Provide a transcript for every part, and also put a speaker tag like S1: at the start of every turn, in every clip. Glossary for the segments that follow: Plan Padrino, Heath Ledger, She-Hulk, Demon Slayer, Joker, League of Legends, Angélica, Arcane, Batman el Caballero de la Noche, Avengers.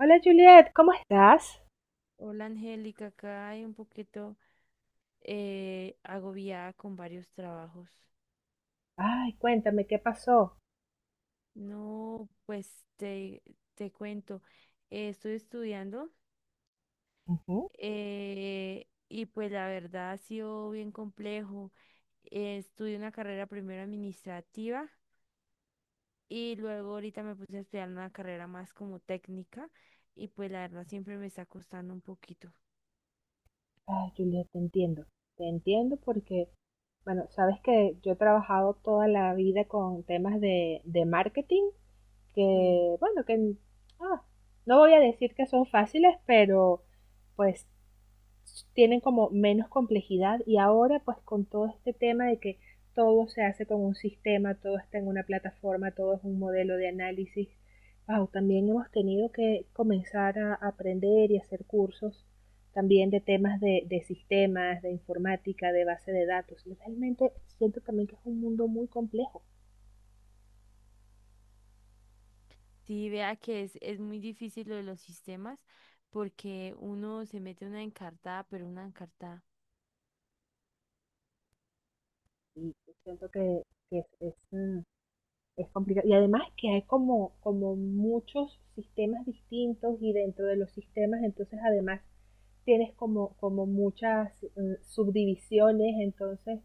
S1: Hola Juliet, ¿cómo estás?
S2: Hola Angélica, acá hay un poquito agobiada con varios trabajos.
S1: Ay, cuéntame, ¿qué pasó?
S2: No, pues te cuento, estoy estudiando
S1: Ujú.
S2: eh, y pues la verdad ha sido bien complejo. Estudié una carrera primero administrativa y luego ahorita me puse a estudiar una carrera más como técnica y pues la verdad siempre me está costando un poquito.
S1: Ay, Juliet, te entiendo. Te entiendo porque, bueno, sabes que yo he trabajado toda la vida con temas de marketing,
S2: Sí.
S1: que, bueno, ah, no voy a decir que son fáciles, pero pues tienen como menos complejidad. Y ahora pues con todo este tema de que todo se hace con un sistema, todo está en una plataforma, todo es un modelo de análisis, wow, también hemos tenido que comenzar a aprender y hacer cursos también de temas de sistemas, de informática, de base de datos. Y realmente siento también que es un mundo muy complejo
S2: Sí, vea que es muy difícil lo de los sistemas porque uno se mete una encartada, pero una encartada.
S1: y siento que es, es complicado. Y además que hay como muchos sistemas distintos, y dentro de los sistemas, entonces además tienes como muchas subdivisiones. Entonces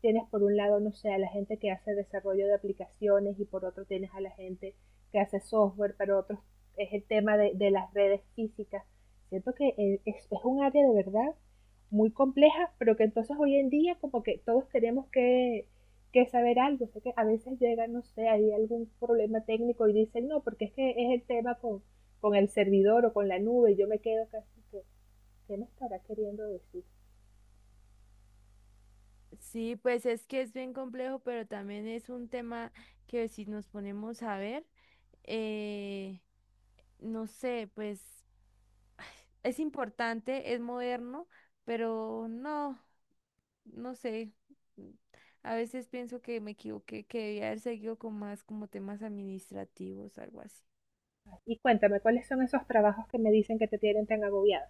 S1: tienes por un lado, no sé, a la gente que hace desarrollo de aplicaciones, y por otro tienes a la gente que hace software, pero otros es el tema de las redes físicas. Siento que es un área de verdad muy compleja, pero que entonces hoy en día como que todos tenemos que saber algo. Sé que a veces llega, no sé, hay algún problema técnico y dicen, no, porque es que es el tema con el servidor o con la nube. Y yo me quedo casi que, ¿qué me estará queriendo decir?
S2: Sí, pues es que es bien complejo, pero también es un tema que si nos ponemos a ver, eh, no sé, pues es importante, es moderno, pero no, no sé. A veces pienso que me equivoqué, que debía haber seguido con más como temas administrativos, algo así.
S1: Y cuéntame, ¿cuáles son esos trabajos que me dicen que te tienen tan agobiada?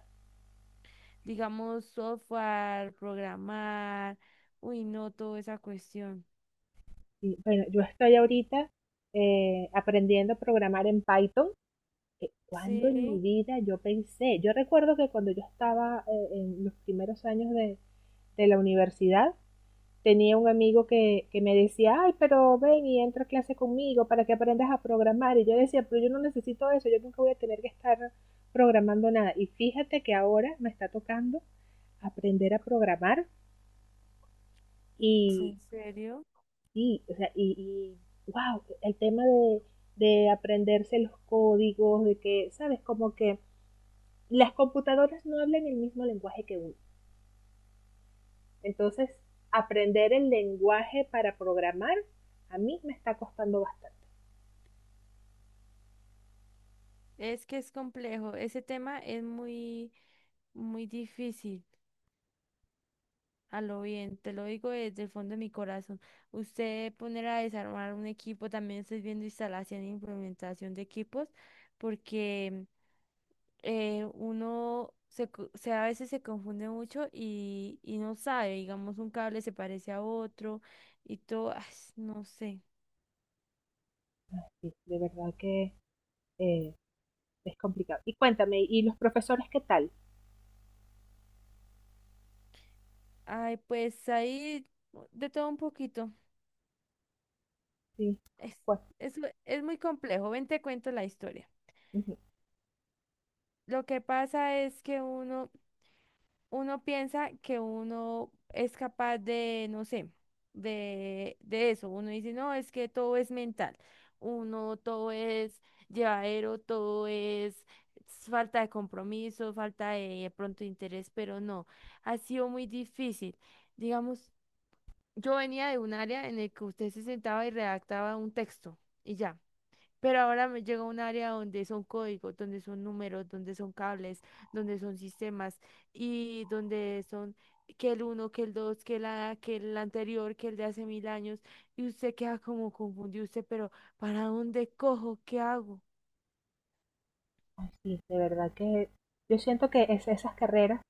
S2: Digamos, software, programar, uy, no, toda esa cuestión.
S1: Y, bueno, yo estoy ahorita aprendiendo a programar en Python. Cuando en mi
S2: Sí,
S1: vida yo pensé, yo recuerdo que cuando yo estaba en los primeros años de la universidad, tenía un amigo que me decía, ay, pero ven y entra a clase conmigo para que aprendas a programar. Y yo decía, pero yo no necesito eso, yo nunca voy a tener que estar programando nada. Y fíjate que ahora me está tocando aprender a programar y,
S2: ¿en serio?
S1: y, o sea, y, y, wow, el tema de aprenderse los códigos, de que, ¿sabes? Como que las computadoras no hablan el mismo lenguaje que uno. Entonces, aprender el lenguaje para programar a mí me está costando bastante.
S2: Es que es complejo, ese tema es muy difícil, a lo bien, te lo digo desde el fondo de mi corazón. Usted poner a desarmar un equipo, también estoy viendo instalación e implementación de equipos, porque... uno se, co- se- a veces se confunde mucho y no sabe, digamos, un cable se parece a otro y todo, ay, no sé.
S1: Sí, de verdad que eh, es complicado. Y cuéntame, ¿y los profesores qué tal?
S2: Ay, pues ahí de todo un poquito.
S1: Sí,
S2: Es,
S1: bueno,
S2: es, es muy complejo. Ven, te cuento la historia.
S1: ujú.
S2: Lo que pasa es que uno piensa que uno es capaz de, no sé, de eso. Uno dice, no, es que todo es mental. Uno, todo es llevadero, todo es falta de compromiso, falta de pronto interés, pero no, ha sido muy difícil. Digamos, yo venía de un área en el que usted se sentaba y redactaba un texto y ya. Pero ahora me llega a un área donde son códigos, donde son números, donde son cables, donde son sistemas y donde son que el uno, que el dos, que la, que el anterior, que el de hace mil años. Y usted queda como confundido, usted, pero ¿para dónde cojo? ¿Qué hago?
S1: Ay, sí, de verdad que yo siento que es esas carreras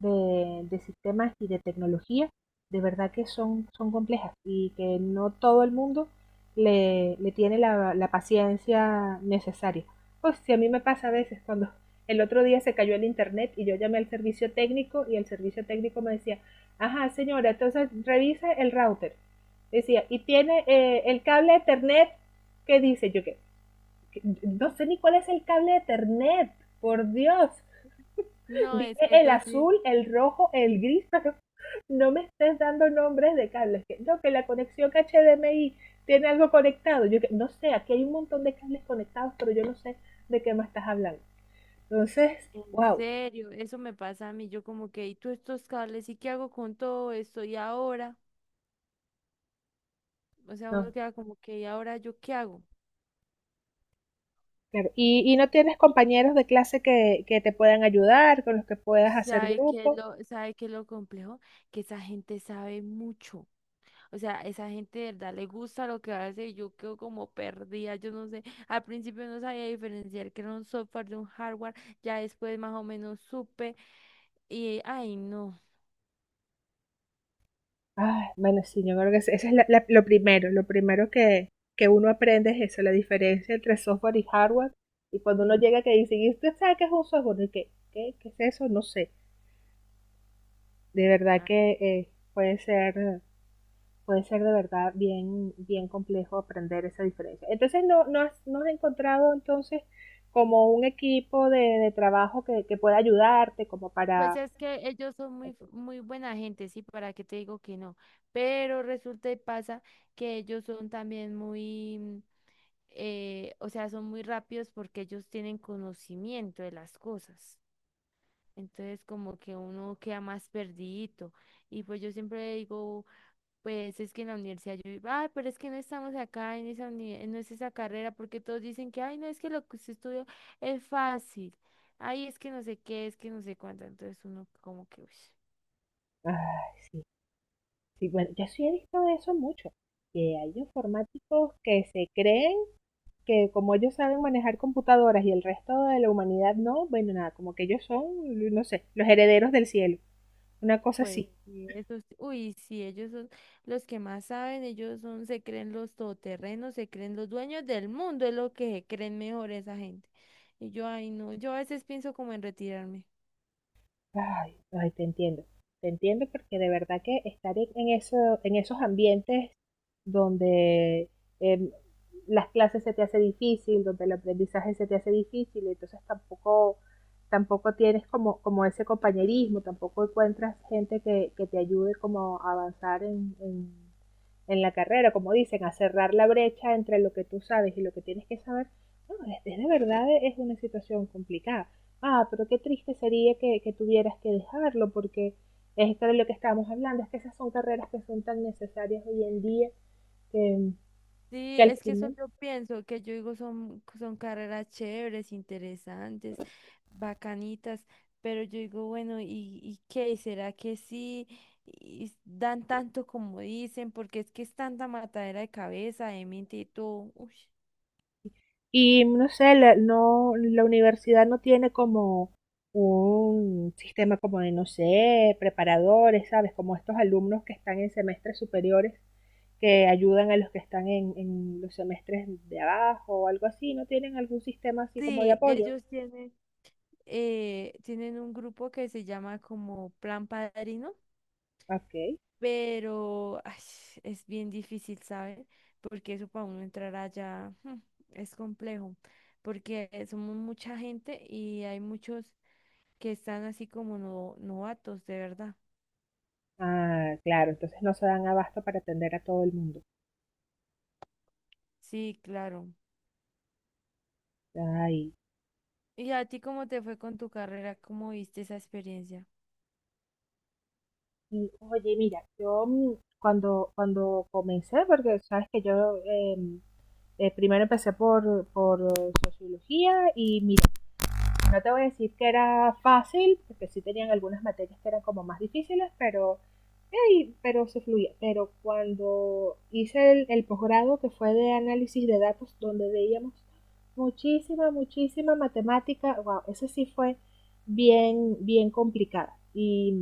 S1: de sistemas y de tecnología, de verdad que son, son complejas y que no todo el mundo le tiene la paciencia necesaria. Pues si a mí me pasa a veces cuando el otro día se cayó el internet y yo llamé al servicio técnico, y el servicio técnico me decía, ajá señora, entonces revise el router. Decía, y tiene el cable de Ethernet que dice, yo no sé ni cuál es el cable de Ethernet, por Dios.
S2: No, es
S1: Dime
S2: que
S1: el
S2: eso sí.
S1: azul, el rojo, el gris, pero no me estés dando nombres de cables. Que, no, que la conexión HDMI tiene algo conectado. Yo que, no sé, aquí hay un montón de cables conectados, pero yo no sé de qué me estás hablando. Entonces,
S2: En
S1: wow,
S2: serio, eso me pasa a mí. Yo como que, ¿y tú estos cables? ¿Y qué hago con todo esto? ¿Y ahora? O sea,
S1: no.
S2: uno queda como que, ¿y ahora yo qué hago?
S1: Claro. Y no tienes compañeros de clase que te puedan ayudar, con los que
S2: Uy,
S1: puedas hacer
S2: ¿sabe qué es
S1: grupo.
S2: sabe qué es lo complejo? Que esa gente sabe mucho. O sea, esa gente de verdad le gusta lo que hace y yo quedo como perdida. Yo no sé, al principio no sabía diferenciar que era un software de un hardware, ya después más o menos supe y, ay, no.
S1: Ay, bueno, sí, yo creo que eso es lo primero que uno aprende es eso, la diferencia entre software y hardware. Y cuando uno
S2: Sí.
S1: llega que dice, ¿y usted sabe qué es un software? ¿Y qué es eso? No sé. De verdad
S2: Ah,
S1: que puede ser de verdad bien, bien complejo aprender esa diferencia. Entonces, has, no has encontrado entonces como un equipo de trabajo que pueda ayudarte como
S2: pues
S1: para...
S2: es que ellos son
S1: Ok.
S2: muy buena gente, sí, para qué te digo que no. Pero resulta y pasa que ellos son también muy... o sea, son muy rápidos porque ellos tienen conocimiento de las cosas. Entonces, como que uno queda más perdidito. Y pues yo siempre digo, pues es que en la universidad yo digo, ay, pero es que no estamos acá en no es esa carrera, porque todos dicen que, ay, no, es que lo que usted estudió es fácil. Ay, es que no sé qué, es que no sé cuánto. Entonces uno como que, uy.
S1: Ay, sí. Sí, bueno, yo sí he visto de eso mucho, que hay informáticos que se creen que como ellos saben manejar computadoras y el resto de la humanidad no, bueno, nada, como que ellos son, no sé, los herederos del cielo, una cosa
S2: Pues
S1: así.
S2: sí, esos, uy, sí, ellos son los que más saben, ellos son, se creen los todoterrenos, se creen los dueños del mundo, es lo que se creen mejor esa gente. Y yo, ay, no, yo a veces pienso como en retirarme.
S1: Ay, ay, te entiendo porque de verdad que estar en eso, en esos ambientes donde eh, las clases se te hace difícil, donde el aprendizaje se te hace difícil, entonces tampoco tienes como ese compañerismo, tampoco encuentras gente que te ayude como a avanzar en la carrera, como dicen, a cerrar la brecha entre lo que tú sabes y lo que tienes que saber. No, es de verdad es una situación complicada. Ah, pero qué triste sería que tuvieras que dejarlo, porque es esto de lo que estábamos hablando, es que esas son carreras que son tan necesarias hoy en día que, que
S2: Sí,
S1: al
S2: es que eso
S1: crimen.
S2: yo pienso, que yo digo son carreras chéveres, interesantes, bacanitas, pero yo digo, bueno, y qué? ¿Será que sí? Y s- dan tanto como dicen, porque es que es tanta matadera de cabeza, de mente y todo. Uy.
S1: Y no sé, la universidad no tiene como un sistema como de, no sé, preparadores, ¿sabes? Como estos alumnos que están en semestres superiores que ayudan a los que están en los semestres de abajo o algo así, no tienen algún sistema así como de
S2: Sí,
S1: apoyo.
S2: tienen un grupo que se llama como Plan Padrino,
S1: Ok.
S2: pero ay, es bien difícil, ¿sabe? Porque eso para uno entrar allá es complejo, porque somos mucha gente y hay muchos que están así como no, novatos, de verdad.
S1: Ah, claro, entonces no se dan abasto para atender a todo el mundo.
S2: Sí, claro.
S1: Ay.
S2: ¿Y a ti cómo te fue con tu carrera? ¿Cómo viste esa experiencia?
S1: Y, oye, mira, yo cuando comencé, porque sabes que yo primero empecé por sociología y mira, no te voy a decir que era fácil, porque sí tenían algunas materias que eran como más difíciles, pero, hey, pero se fluía. Pero cuando hice el posgrado que fue de análisis de datos, donde veíamos muchísima, muchísima matemática, wow, eso sí fue bien, bien complicada. Y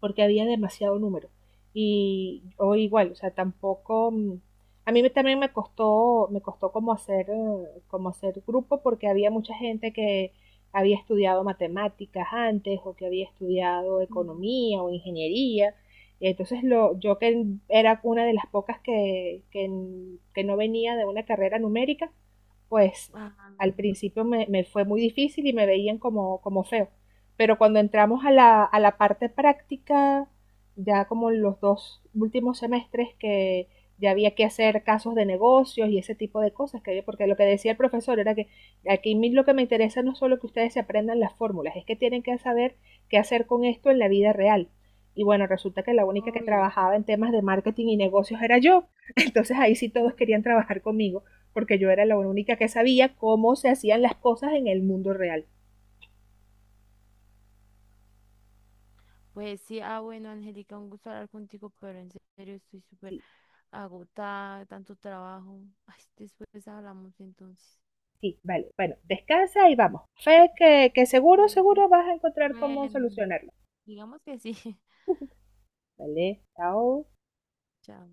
S1: porque había demasiado número. Y o igual, o sea, tampoco a mí también me costó, me costó como hacer grupo porque había mucha gente que había estudiado matemáticas antes o que había estudiado
S2: Mm,
S1: economía o ingeniería. Y entonces yo que era una de las pocas que no venía de una carrera numérica, pues
S2: ah,
S1: al principio fue muy difícil y me veían como, como feo. Pero cuando entramos a a la parte práctica, ya como los dos últimos semestres que ya había que hacer casos de negocios y ese tipo de cosas, que, porque lo que decía el profesor era que aquí lo que me interesa no es solo que ustedes se aprendan las fórmulas, es que tienen que saber qué hacer con esto en la vida real. Y bueno, resulta que la única que
S2: obvio.
S1: trabajaba en temas de marketing y negocios era yo. Entonces ahí sí todos querían trabajar conmigo, porque yo era la única que sabía cómo se hacían las cosas en el mundo real.
S2: Pues sí, ah, bueno, Angélica, un gusto hablar contigo, pero en serio estoy súper
S1: Sí,
S2: agotada, tanto trabajo. Ay, después hablamos entonces.
S1: sí, vale. Bueno, descansa y vamos. Fe que seguro, seguro vas a encontrar cómo
S2: Bueno,
S1: solucionarlo.
S2: digamos que sí.
S1: Vale, chao.
S2: Chao.